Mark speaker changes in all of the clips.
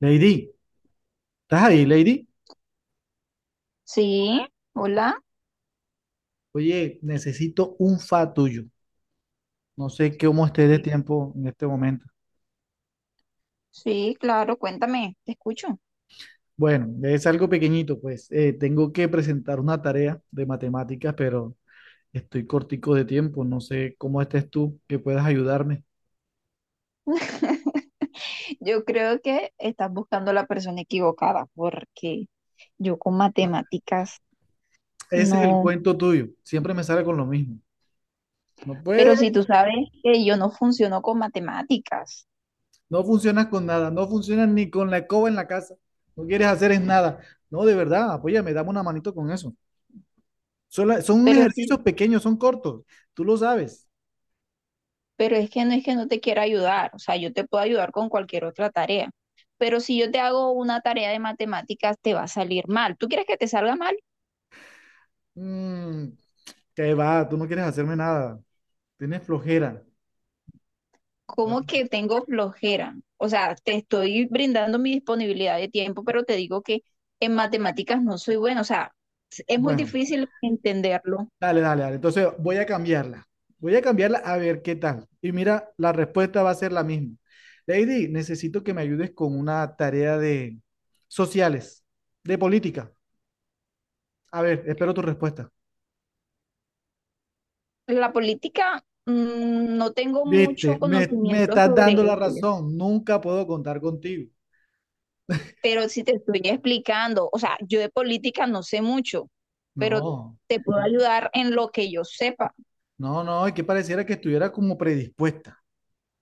Speaker 1: Lady, ¿estás ahí, Lady?
Speaker 2: Sí, hola.
Speaker 1: Oye, necesito un fa tuyo. No sé cómo esté de
Speaker 2: Sí.
Speaker 1: tiempo en este momento.
Speaker 2: Sí, claro, cuéntame, te escucho.
Speaker 1: Bueno, es algo pequeñito, pues. Tengo que presentar una tarea de matemáticas, pero estoy cortico de tiempo. No sé cómo estés tú, que puedas ayudarme.
Speaker 2: Yo creo que estás buscando a la persona equivocada porque yo con
Speaker 1: Ah,
Speaker 2: matemáticas
Speaker 1: ese es el
Speaker 2: no,
Speaker 1: cuento tuyo. Siempre me sale con lo mismo. No
Speaker 2: pero
Speaker 1: puedes,
Speaker 2: si tú sabes que yo no funciono con matemáticas,
Speaker 1: no funcionas con nada. No funcionas ni con la escoba en la casa. No quieres hacer es nada. No, de verdad, apóyame, dame una manito con eso. Son, son
Speaker 2: pero
Speaker 1: ejercicios pequeños, son cortos. Tú lo sabes.
Speaker 2: pero es que no te quiera ayudar, o sea, yo te puedo ayudar con cualquier otra tarea, pero si yo te hago una tarea de matemáticas te va a salir mal. ¿Tú quieres que te salga mal?
Speaker 1: Mm, que va, tú no quieres hacerme nada. Tienes flojera. Da-
Speaker 2: Como que tengo flojera. O sea, te estoy brindando mi disponibilidad de tiempo, pero te digo que en matemáticas no soy buena. O sea, es muy
Speaker 1: Bueno,
Speaker 2: difícil entenderlo.
Speaker 1: dale, dale, dale. Entonces voy a cambiarla. Voy a cambiarla a ver qué tal. Y mira, la respuesta va a ser la misma. Lady, necesito que me ayudes con una tarea de sociales, de política. A ver, espero tu respuesta.
Speaker 2: La política, mm, no tengo mucho
Speaker 1: Viste, me
Speaker 2: conocimiento
Speaker 1: estás
Speaker 2: sobre
Speaker 1: dando la
Speaker 2: ella,
Speaker 1: razón. Nunca puedo contar contigo.
Speaker 2: pero si te estoy explicando, o sea, yo de política no sé mucho, pero
Speaker 1: No.
Speaker 2: te puedo ayudar en lo que yo sepa.
Speaker 1: No, no, es que pareciera que estuviera como predispuesta.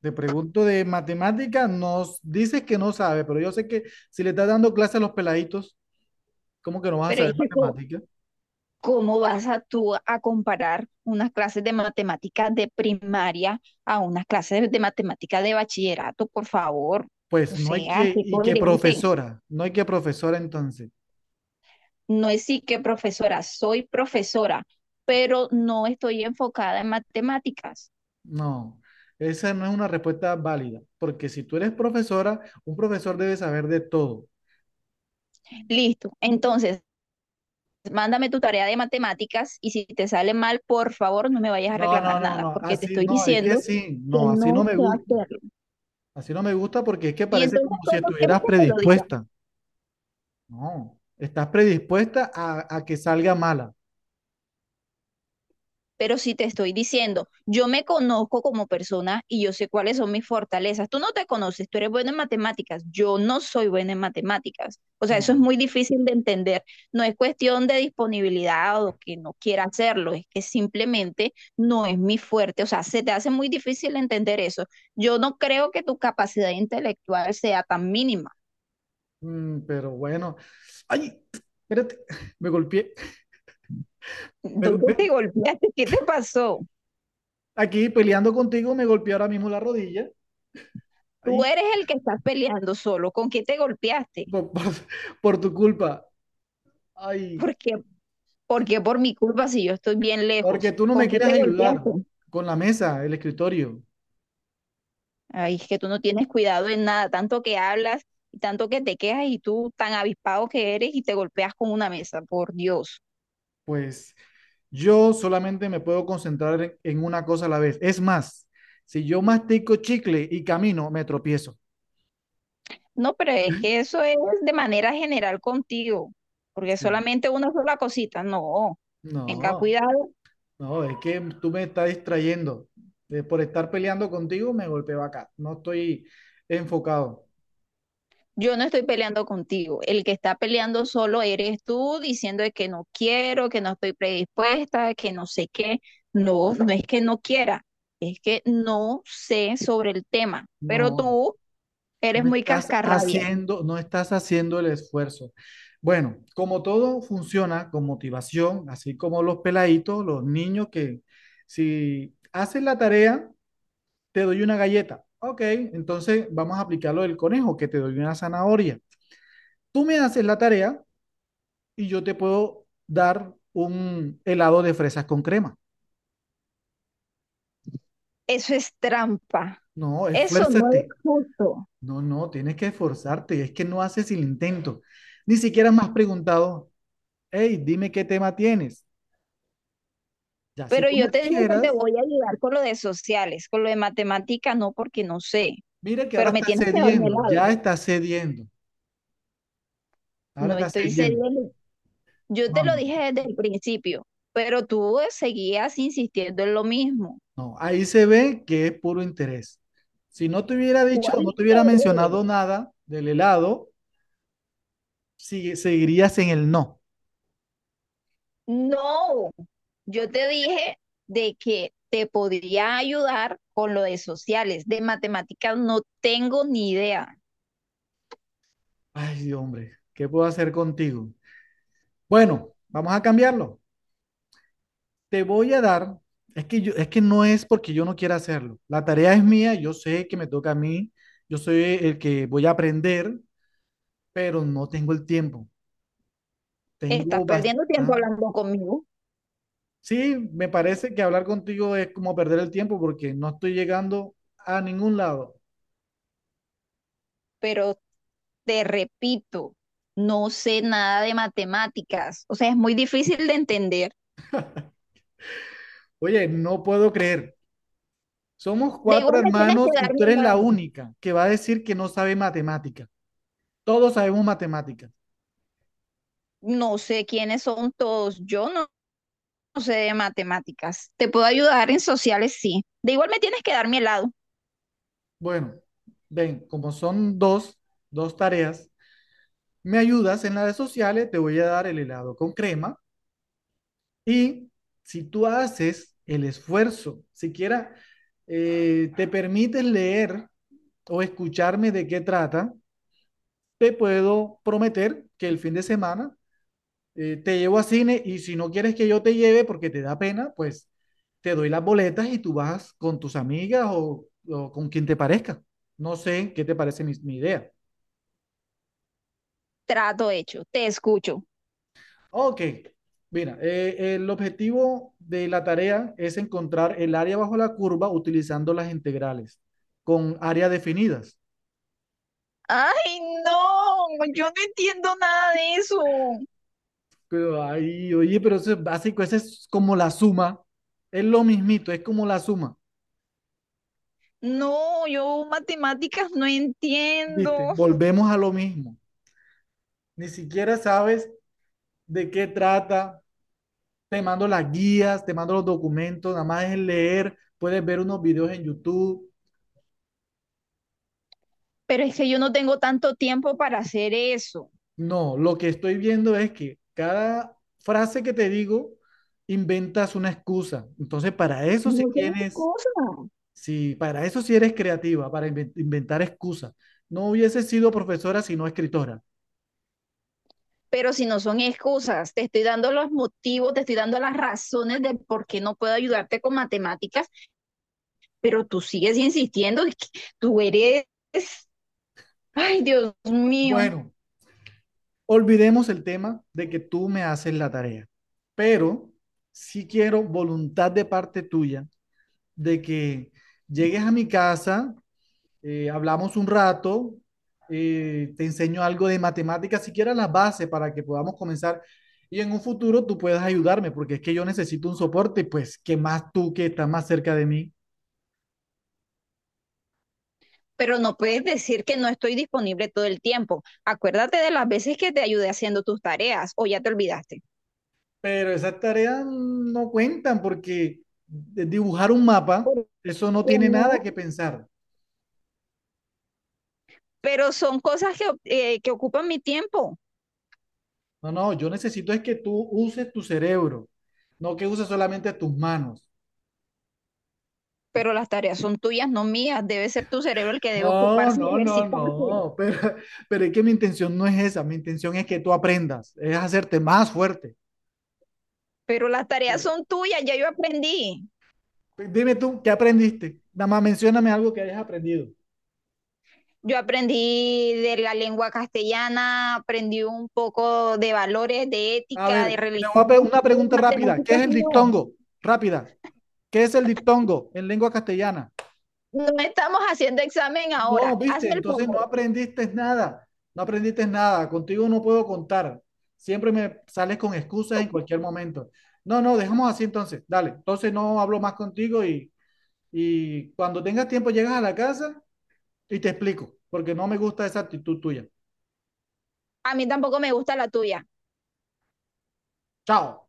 Speaker 1: Te pregunto de matemáticas. Nos dices que no sabes, pero yo sé que si le estás dando clases a los peladitos, ¿cómo que no vas a
Speaker 2: Pero es
Speaker 1: saber
Speaker 2: que co-
Speaker 1: matemáticas?
Speaker 2: ¿Cómo vas a tú a comparar unas clases de matemáticas de primaria a unas clases de matemáticas de bachillerato, por favor? O
Speaker 1: Pues no hay
Speaker 2: sea,
Speaker 1: que,
Speaker 2: qué
Speaker 1: y que
Speaker 2: coherente.
Speaker 1: profesora, no hay que profesora entonces.
Speaker 2: No es sí que profesora, soy profesora, pero no estoy enfocada en matemáticas.
Speaker 1: No, esa no es una respuesta válida, porque si tú eres profesora, un profesor debe saber de todo.
Speaker 2: Listo. Entonces, mándame tu tarea de matemáticas y si te sale mal, por favor, no me vayas a
Speaker 1: No, no,
Speaker 2: reclamar
Speaker 1: no,
Speaker 2: nada,
Speaker 1: no,
Speaker 2: porque te
Speaker 1: así
Speaker 2: estoy
Speaker 1: no, es que
Speaker 2: diciendo
Speaker 1: sí,
Speaker 2: que
Speaker 1: no, así no
Speaker 2: no
Speaker 1: me
Speaker 2: sé
Speaker 1: gusta.
Speaker 2: hacerlo.
Speaker 1: Así no me gusta porque es que
Speaker 2: Y
Speaker 1: parece
Speaker 2: entonces,
Speaker 1: como si
Speaker 2: ¿cómo quieres
Speaker 1: estuvieras
Speaker 2: que te lo diga?
Speaker 1: predispuesta. No, estás predispuesta a que salga mala.
Speaker 2: Pero si te estoy diciendo, yo me conozco como persona y yo sé cuáles son mis fortalezas. Tú no te conoces, tú eres buena en matemáticas. Yo no soy buena en matemáticas. O sea, eso es
Speaker 1: No,
Speaker 2: muy difícil de entender. No es cuestión de disponibilidad o que no quiera hacerlo, es que simplemente no es mi fuerte. O sea, se te hace muy difícil entender eso. Yo no creo que tu capacidad intelectual sea tan mínima.
Speaker 1: mm, pero bueno. Ay, espérate, me golpeé. Me go-
Speaker 2: ¿Dónde te
Speaker 1: me-
Speaker 2: golpeaste? ¿Qué te pasó?
Speaker 1: Aquí peleando contigo me golpeé ahora mismo la rodilla.
Speaker 2: Tú
Speaker 1: Ay,
Speaker 2: eres el que estás peleando solo. ¿Con qué te golpeaste?
Speaker 1: por, por- por tu culpa. Ay,
Speaker 2: Porque, porque por mi culpa si yo estoy bien
Speaker 1: porque
Speaker 2: lejos.
Speaker 1: tú no
Speaker 2: ¿Con
Speaker 1: me
Speaker 2: qué
Speaker 1: quieres
Speaker 2: te golpeaste?
Speaker 1: ayudar con la mesa, el escritorio.
Speaker 2: Ay, es que tú no tienes cuidado en nada, tanto que hablas y tanto que te quejas y tú tan avispado que eres y te golpeas con una mesa, por Dios.
Speaker 1: Pues yo solamente me puedo concentrar en una cosa a la vez. Es más, si yo mastico chicle y camino, me tropiezo.
Speaker 2: No, pero es que eso es de manera general contigo, porque
Speaker 1: Sí.
Speaker 2: solamente una sola cosita, no. Tenga
Speaker 1: No.
Speaker 2: cuidado.
Speaker 1: No, es que tú me estás distrayendo. Por estar peleando contigo me golpeo acá. No estoy enfocado.
Speaker 2: Yo no estoy peleando contigo. El que está peleando solo eres tú, diciendo de que no quiero, que no estoy predispuesta, que no sé qué. No, no es que no quiera, es que no sé sobre el tema. Pero
Speaker 1: No,
Speaker 2: tú eres muy cascarrabia.
Speaker 1: no estás haciendo el esfuerzo. Bueno, como todo funciona con motivación, así como los peladitos, los niños que si haces la tarea, te doy una galleta. Ok, entonces vamos a aplicar lo del conejo, que te doy una zanahoria. Tú me haces la tarea y yo te puedo dar un helado de fresas con crema.
Speaker 2: Eso es trampa.
Speaker 1: No,
Speaker 2: Eso no es
Speaker 1: esfuérzate.
Speaker 2: justo.
Speaker 1: No, no, tienes que esforzarte. Es que no haces el intento. Ni siquiera me has preguntado, hey, dime qué tema tienes. Ya, si
Speaker 2: Pero
Speaker 1: tú me
Speaker 2: yo te dije que te
Speaker 1: dijeras,
Speaker 2: voy a ayudar con lo de sociales, con lo de matemática no, porque no sé.
Speaker 1: mira que ahora
Speaker 2: Pero me
Speaker 1: estás
Speaker 2: tienes que dar mi
Speaker 1: cediendo,
Speaker 2: helado.
Speaker 1: ya estás cediendo, ahora
Speaker 2: No
Speaker 1: estás
Speaker 2: estoy
Speaker 1: cediendo.
Speaker 2: cediendo. Yo te
Speaker 1: No,
Speaker 2: lo
Speaker 1: no,
Speaker 2: dije desde el principio, pero tú seguías insistiendo en lo mismo.
Speaker 1: no. Ahí se ve que es puro interés. Si no te hubiera dicho,
Speaker 2: ¿Cuál
Speaker 1: no te hubiera
Speaker 2: interés?
Speaker 1: mencionado nada del helado, seguirías en el no.
Speaker 2: No, yo te dije de que te podría ayudar con lo de sociales, de matemáticas no tengo ni idea.
Speaker 1: Ay, hombre, ¿qué puedo hacer contigo? Bueno, vamos a cambiarlo. Te voy a dar, es que no es porque yo no quiera hacerlo. La tarea es mía, yo sé que me toca a mí, yo soy el que voy a aprender, pero no tengo el tiempo.
Speaker 2: Estás
Speaker 1: Tengo
Speaker 2: perdiendo tiempo
Speaker 1: bastante.
Speaker 2: hablando conmigo,
Speaker 1: Sí, me parece que hablar contigo es como perder el tiempo porque no estoy llegando a ningún lado.
Speaker 2: pero te repito, no sé nada de matemáticas, o sea, es muy difícil de entender.
Speaker 1: Oye, no puedo creer. Somos
Speaker 2: De
Speaker 1: cuatro
Speaker 2: igual me tienes que
Speaker 1: hermanos y
Speaker 2: dar
Speaker 1: tú
Speaker 2: mi
Speaker 1: eres la
Speaker 2: mano.
Speaker 1: única que va a decir que no sabe matemática. Todos sabemos matemáticas.
Speaker 2: No sé quiénes son todos, yo no, no sé de matemáticas. Te puedo ayudar en sociales, sí. De igual me tienes que dar mi helado.
Speaker 1: Bueno, ven, como son dos, dos tareas. Me ayudas en las redes sociales, te voy a dar el helado con crema. Y si tú haces el esfuerzo, siquiera te permites leer o escucharme de qué trata, te puedo prometer que el fin de semana te llevo a cine y si no quieres que yo te lleve porque te da pena, pues te doy las boletas y tú vas con tus amigas o con quien te parezca. No sé qué te parece mi idea.
Speaker 2: Trato hecho, te escucho.
Speaker 1: Ok, mira, el objetivo de la tarea es encontrar el área bajo la curva utilizando las integrales con áreas definidas.
Speaker 2: Ay, no, yo no entiendo nada de eso.
Speaker 1: Pero, ay, oye, pero eso es básico, eso es como la suma, es lo mismito, es como la suma,
Speaker 2: No, yo matemáticas no
Speaker 1: ¿viste?
Speaker 2: entiendo.
Speaker 1: Volvemos a lo mismo. Ni siquiera sabes de qué trata, te mando las guías, te mando los documentos, nada más es leer, puedes ver unos videos en YouTube.
Speaker 2: Pero es que yo no tengo tanto tiempo para hacer eso.
Speaker 1: No, lo que estoy viendo es que cada frase que te digo inventas una excusa. Entonces, para eso sí
Speaker 2: No tienes
Speaker 1: tienes,
Speaker 2: excusa.
Speaker 1: sí, para eso sí eres creativa, para inventar excusas. No hubiese sido profesora sino escritora.
Speaker 2: Pero si no son excusas, te estoy dando los motivos, te estoy dando las razones de por qué no puedo ayudarte con matemáticas, pero tú sigues insistiendo, es que tú eres Ay, Dios mío,
Speaker 1: Bueno, olvidemos el tema de que tú me haces la tarea, pero sí quiero voluntad de parte tuya de que llegues a mi casa, hablamos un rato, te enseño algo de matemáticas, siquiera las bases para que podamos comenzar y en un futuro tú puedas ayudarme, porque es que yo necesito un soporte, pues que más tú que estás más cerca de mí.
Speaker 2: pero no puedes decir que no estoy disponible todo el tiempo. Acuérdate de las veces que te ayudé haciendo tus tareas o ya te olvidaste.
Speaker 1: Pero esas tareas no cuentan porque dibujar un mapa,
Speaker 2: ¿Por
Speaker 1: eso no
Speaker 2: qué
Speaker 1: tiene nada
Speaker 2: no?
Speaker 1: que pensar.
Speaker 2: Pero son cosas que ocupan mi tiempo,
Speaker 1: No, no, yo necesito es que tú uses tu cerebro, no que uses solamente tus manos.
Speaker 2: pero las tareas son tuyas, no mías. Debe ser tu cerebro el que debe
Speaker 1: No,
Speaker 2: ocuparse y
Speaker 1: no, no,
Speaker 2: ejercitarse.
Speaker 1: no, pero, pero es que mi intención no es esa, mi intención es que tú aprendas, es hacerte más fuerte.
Speaker 2: Pero las tareas
Speaker 1: Mira,
Speaker 2: son tuyas, ya yo aprendí.
Speaker 1: dime tú, ¿qué aprendiste? Nada más mencióname algo que hayas aprendido.
Speaker 2: Yo aprendí de la lengua castellana, aprendí un poco de valores, de
Speaker 1: A
Speaker 2: ética, de
Speaker 1: ver, te voy
Speaker 2: religión,
Speaker 1: a una
Speaker 2: pero
Speaker 1: pregunta rápida, ¿qué es
Speaker 2: matemáticas
Speaker 1: el
Speaker 2: no.
Speaker 1: diptongo? Rápida, ¿qué es el diptongo en lengua castellana?
Speaker 2: No estamos haciendo examen ahora.
Speaker 1: No, viste,
Speaker 2: Hazme el
Speaker 1: entonces no
Speaker 2: favor.
Speaker 1: aprendiste nada, no aprendiste nada, contigo no puedo contar, siempre me sales con excusas en cualquier momento. No, no, dejamos así entonces, dale, entonces no hablo más contigo y... Y cuando tengas tiempo llegas a la casa y te explico, porque no me gusta esa actitud tuya.
Speaker 2: A mí tampoco me gusta la tuya.
Speaker 1: Chao.